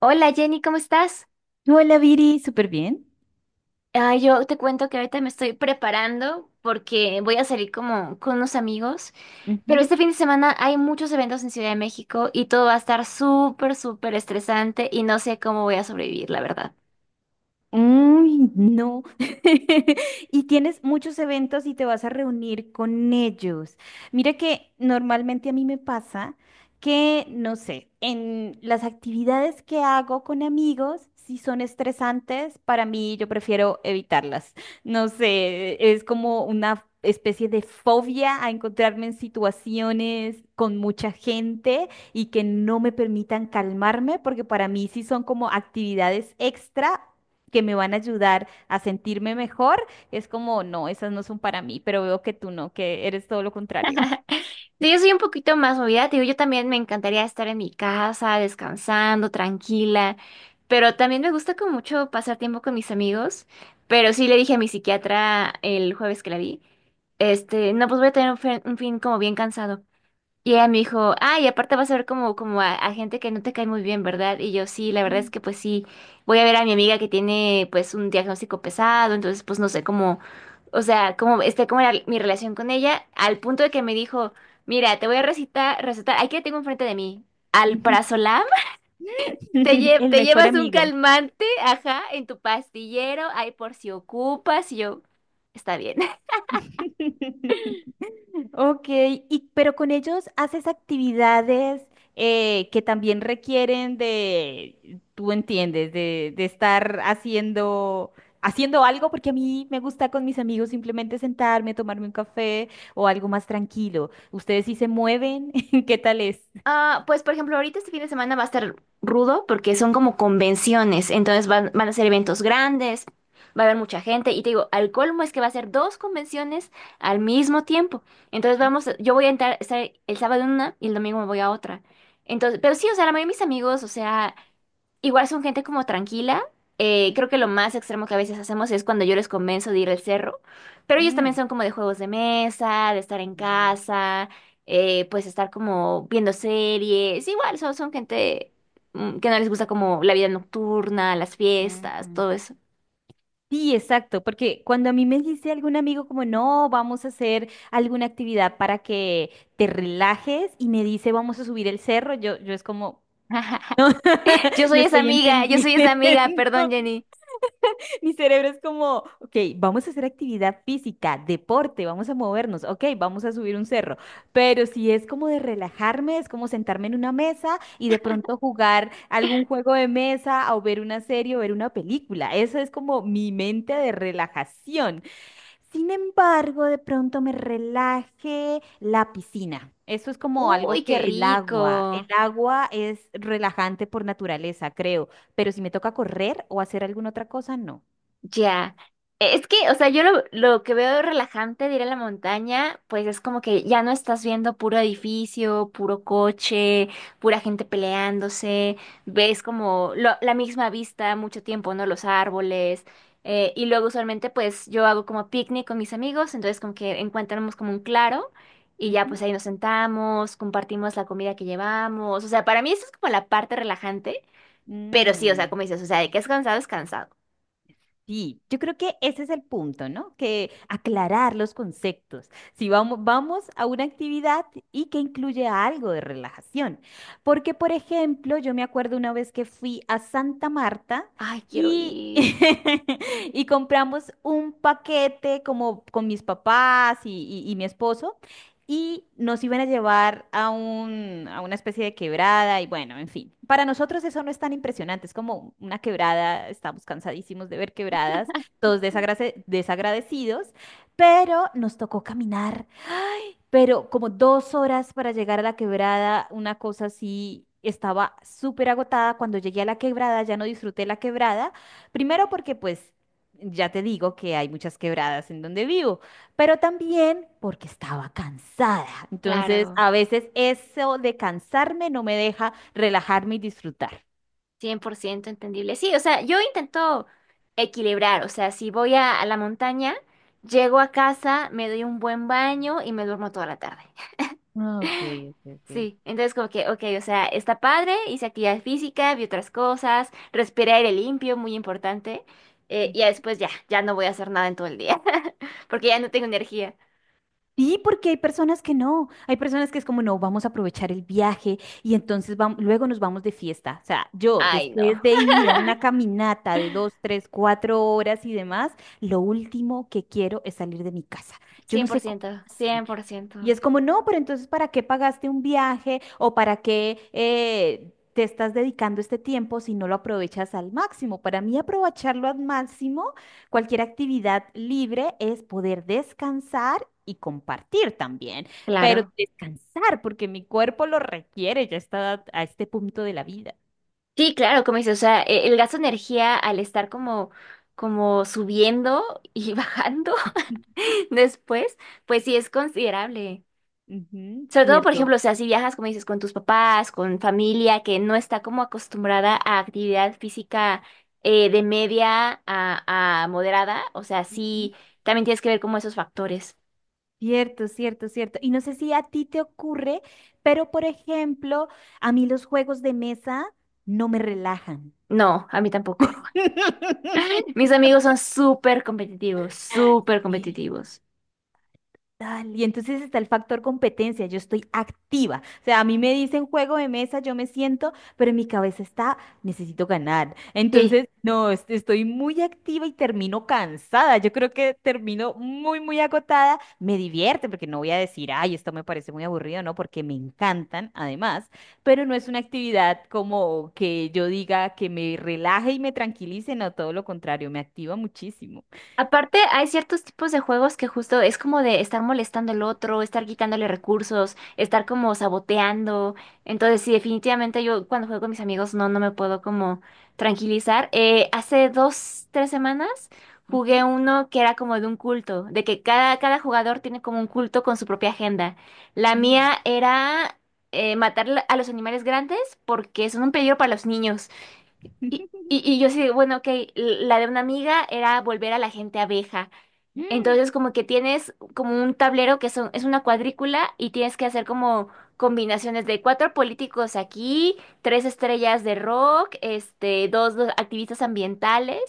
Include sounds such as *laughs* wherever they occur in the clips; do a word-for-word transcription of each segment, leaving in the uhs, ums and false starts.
Hola, Jenny, ¿cómo estás? Hola Viri, súper bien. Ah, yo te cuento que ahorita me estoy preparando porque voy a salir como con unos amigos, pero Ujú. este fin de semana hay muchos eventos en Ciudad de México y todo va a estar súper, súper estresante y no sé cómo voy a sobrevivir, la verdad. Uy, no. *laughs* Y tienes muchos eventos y te vas a reunir con ellos. Mira que normalmente a mí me pasa que, no sé, en las actividades que hago con amigos, si son estresantes, para mí yo prefiero evitarlas. No sé, es como una especie de fobia a encontrarme en situaciones con mucha gente y que no me permitan calmarme, porque para mí sí son como actividades extra que me van a ayudar a sentirme mejor, es como, no, esas no son para mí, pero veo que tú no, que eres todo lo contrario. Sí, yo soy un poquito más movida, te digo, yo también me encantaría estar en mi casa, descansando, tranquila, pero también me gusta como mucho pasar tiempo con mis amigos, pero sí le dije a mi psiquiatra el jueves que la vi. Este, no, pues voy a tener un fin, un fin como bien cansado. Y ella me dijo, ah, y aparte vas a ver como, como a, a gente que no te cae muy bien, ¿verdad? Y yo, sí, la verdad es que pues sí, voy a ver a mi amiga que tiene pues un diagnóstico pesado, entonces pues no sé cómo, o sea, cómo esté como era mi relación con ella, al punto de que me dijo, mira, te voy a recitar, recetar, aquí la tengo enfrente de mí, *laughs* alprazolam. te, lle- El Te mejor llevas un amigo. calmante, ajá, en tu pastillero, ahí por si ocupas, y yo, está bien. *laughs* Ok, y, pero con ellos haces actividades eh, que también requieren de, tú entiendes, de, de estar haciendo, haciendo algo, porque a mí me gusta con mis amigos simplemente sentarme, tomarme un café o algo más tranquilo. ¿Ustedes sí se mueven? *laughs* ¿Qué tal es? Ah, pues por ejemplo, ahorita este fin de semana va a estar rudo porque son como convenciones, entonces van, van a ser eventos grandes, va a haber mucha gente y te digo, al colmo es que va a ser dos convenciones al mismo tiempo. Entonces vamos, a- yo voy a entrar, estar el sábado en una y el domingo me voy a otra. Entonces, pero sí, o sea, la mayoría de mis amigos, o sea, igual son gente como tranquila. Eh, creo que lo más extremo que a veces hacemos es cuando yo les convenzo de ir al cerro, pero ellos también Mm, son como de juegos de mesa, de estar en mm, casa, eh, pues estar como viendo series. Igual son, son gente mm, que no les gusta como la vida nocturna, las mm, fiestas, mm. todo eso. Sí, exacto, porque cuando a mí me dice algún amigo como, no, vamos a hacer alguna actividad para que te relajes y me dice, vamos a subir el cerro, yo, yo es como, Yo *laughs* no soy esa estoy amiga, yo entendiendo. soy esa amiga, perdón, *laughs* Jenny. Mi cerebro es como, ok, vamos a hacer actividad física, deporte, vamos a movernos, ok, vamos a subir un cerro, pero si es como de relajarme, es como sentarme en una mesa y de pronto jugar algún juego de mesa o ver una serie o ver una película, eso es como mi mente de relajación. Sin embargo, de pronto me relaje la piscina. Eso es como algo Uy, qué que el agua, el rico. agua es relajante por naturaleza, creo, pero si me toca correr o hacer alguna otra cosa, no. Ya. E, Es que, o sea, yo lo, lo que veo relajante de ir a la montaña, pues es como que ya no estás viendo puro edificio, puro coche, pura gente peleándose, ves como lo- la misma vista mucho tiempo, ¿no? Los árboles. Eh, y luego usualmente pues yo hago como picnic con mis amigos, entonces como que encontramos como un claro y ya pues Ujú. ahí nos sentamos, compartimos la comida que llevamos. O sea, para mí eso es como la parte relajante, pero sí, o sea, Mm. como dices, o sea, de que es cansado, es cansado. Sí, yo creo que ese es el punto, ¿no? Que aclarar los conceptos. Si vamos, vamos a una actividad y que incluye algo de relajación. Porque, por ejemplo, yo me acuerdo una vez que fui a Santa Marta Ay, quiero y, ir. *laughs* y compramos un paquete como con mis papás y, y- y mi esposo y nos iban a llevar a un, a una especie de quebrada y bueno, en fin. Para nosotros eso no es tan impresionante, es como una quebrada, estamos cansadísimos de ver quebradas, todos desagrade- desagradecidos, pero nos tocó caminar pero como dos horas para llegar a la quebrada, una cosa así, estaba súper agotada. Cuando llegué a la quebrada ya no disfruté la quebrada, primero porque pues ya te digo que hay muchas quebradas en donde vivo, pero también porque estaba cansada. Entonces, Claro, a veces eso de cansarme no me deja relajarme y disfrutar. cien por ciento entendible. Sí, o sea, yo intento equilibrar, o sea, si voy a, a la montaña, llego a casa, me doy un buen baño y me duermo toda la tarde. Ah, ok, *laughs* ok, Sí, entonces como que, ok, o sea, está padre, hice actividad física, vi otras cosas, respiré aire limpio, muy importante, eh, y ya ok. después ya, ya no voy a hacer nada en todo el día, *laughs* porque ya no tengo energía. Sí, porque hay personas que no, hay personas que es como, no, vamos a aprovechar el viaje y entonces vam- luego nos vamos de fiesta. O sea, yo Ay, no, después de ir a una caminata de dos, tres, cuatro horas y demás, lo último que quiero es salir de mi casa. Cien Yo cien no por sé cómo ciento, hacen. cien por Y ciento. es como, no, pero entonces, ¿para qué pagaste un viaje o para qué eh, te estás dedicando este tiempo si no lo aprovechas al máximo? Para mí, aprovecharlo al máximo, cualquier actividad libre es poder descansar y compartir también, pero Claro. descansar porque mi cuerpo lo requiere ya está a este punto de la vida. Sí, claro, como dices, o sea, e- el gasto de energía al estar como, como subiendo y *laughs* bajando *laughs* después, pues sí es considerable. Ujú, Sobre todo, por cierto. ejemplo, o sea, si viajas, como dices, con tus papás, con familia que no está como acostumbrada a actividad física eh, de media a, a moderada, o sea, Ujú. sí, también tienes que ver como esos factores. Cierto, cierto, cierto. Y no sé si a ti te ocurre, pero por ejemplo, a mí los juegos de mesa no me relajan. No, a mí tampoco. *laughs* *laughs* Mis amigos son súper competitivos, súper *laughs* competitivos. Tal, Y entonces está el factor competencia, yo estoy activa. O sea, a mí me dicen juego de mesa, yo me siento, pero en mi cabeza está, necesito ganar. Sí. Entonces, no, est- estoy muy activa y termino cansada. Yo creo que termino muy, muy agotada. Me divierte porque no voy a decir, ay, esto me parece muy aburrido, no, porque me encantan además, pero no es una actividad como que yo diga que me relaje y me tranquilice, no, todo lo contrario, me activa muchísimo. Aparte, hay ciertos tipos de juegos que justo es como de estar molestando al otro, estar quitándole recursos, estar como saboteando. Entonces, sí, definitivamente yo cuando juego con mis amigos no, no me puedo como tranquilizar. Eh, hace dos, tres semanas jugué Ujú. uno que era como de un culto, de que cada, cada jugador tiene como un culto con su propia agenda. La Mm. mía era eh, matar a los animales grandes porque son un peligro para los niños. Y, *laughs* y, y yo sí, bueno, ok, la de una amiga era volver a la gente abeja. Entonces, como que tienes como un tablero que son, es una cuadrícula y tienes que hacer como combinaciones de cuatro políticos aquí, tres estrellas de rock, este, dos, dos activistas ambientales.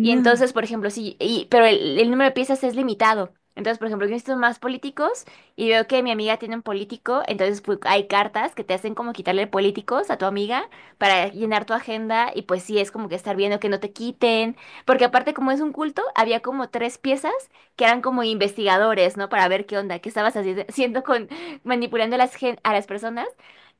Y entonces, por ejemplo, sí, y, pero el, el número de piezas es limitado. Entonces, por ejemplo, yo necesito más políticos y veo que mi amiga tiene un político, entonces pues, hay cartas que te hacen como quitarle políticos a tu amiga para llenar tu agenda y pues sí, es como que estar viendo que no te quiten, porque aparte como es un culto, había como tres piezas que eran como investigadores, ¿no? Para ver qué onda, qué estabas haci- haciendo con, manipulando a las, gen- a las personas.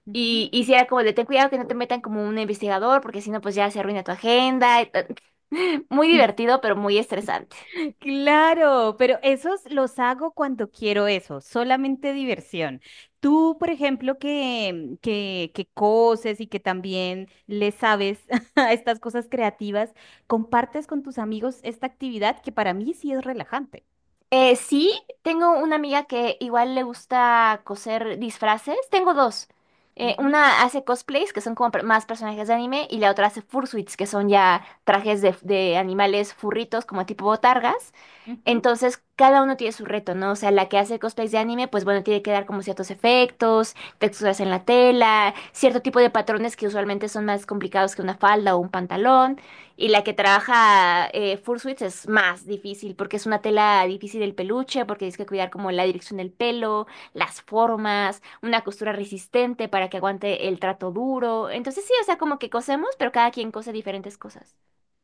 Ujú. Y, y si era como de ten cuidado que no te metan como un investigador, porque si no, pues ya se arruina tu agenda. y ta- *laughs* Muy *laughs* divertido, pero muy estresante. Claro, pero esos los hago cuando quiero eso, solamente diversión. Tú, por ejemplo, que, que, que coses y que también le sabes *laughs* a estas cosas creativas, compartes con tus amigos esta actividad que para mí sí es relajante. Eh, sí, tengo una amiga que igual le gusta coser disfraces. Tengo dos. Eh, Ujú, una hace cosplays, que son como per- más personajes de anime, y la otra hace fursuits, que son ya trajes de, de animales furritos, como tipo botargas. ujú. Entonces, cada uno tiene su reto, ¿no? O sea, la que hace cosplays de anime, pues bueno, tiene que dar como ciertos efectos, texturas en la tela, cierto tipo de patrones que usualmente son más complicados que una falda o un pantalón. Y la que trabaja eh, fursuits es más difícil porque es una tela difícil del peluche, porque tienes que cuidar como la dirección del pelo, las formas, una costura resistente para que aguante el trato duro. Entonces, sí, o sea, como que cosemos, pero cada quien cose diferentes cosas.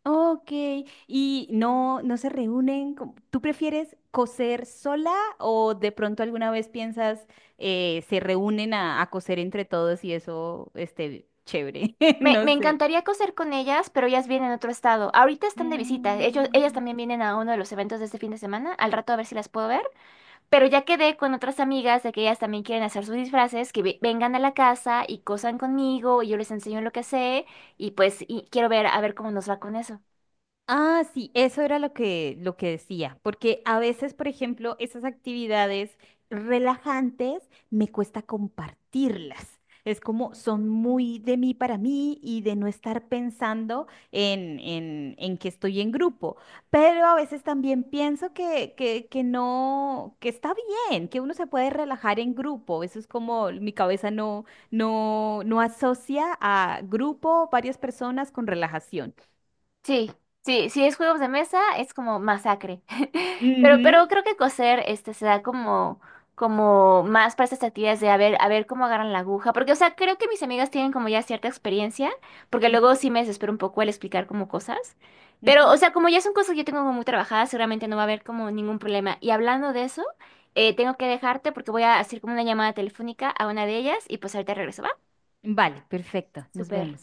Ok, y no, no se reúnen. como- ¿Tú prefieres coser sola o de pronto alguna vez piensas eh, se reúnen a, a coser entre todos y eso esté chévere? *laughs* Me, No me sé. encantaría coser con ellas, pero ellas vienen a otro estado. Ahorita están de visita. Ellos, ellas Mm. también vienen a uno de los eventos de este fin de semana. Al rato a ver si las puedo ver. Pero ya quedé con otras amigas de que ellas también quieren hacer sus disfraces, que ve- vengan a la casa y cosan conmigo y yo les enseño lo que sé. Y pues y quiero ver a ver cómo nos va con eso. Ah, sí, eso era lo que, lo que decía, porque a veces, por ejemplo, esas actividades relajantes me cuesta compartirlas. Es como son muy de mí para mí y de no estar pensando en, en, en que estoy en grupo. Pero a veces también pienso que, que, que no, que está bien, que uno se puede relajar en grupo. Eso es como mi cabeza no, no, no asocia a grupo, varias personas con relajación. Sí, sí, si es juegos de mesa es como masacre. *laughs* Pero, pero creo que coser este se da como, como más para estas actividades de a ver, a ver cómo agarran la aguja. Porque, o sea, creo que mis amigas tienen como ya cierta experiencia, porque luego Ujú, sí me desespero un poco al explicar como cosas. Pero, o ujú. sea, como ya son cosas que yo tengo como muy trabajadas, seguramente no va a haber como ningún problema. Y hablando de eso, eh, tengo que dejarte porque voy a hacer como una llamada telefónica a una de ellas y pues ahorita regreso, ¿va? Vale, perfecto. Nos Súper. vemos.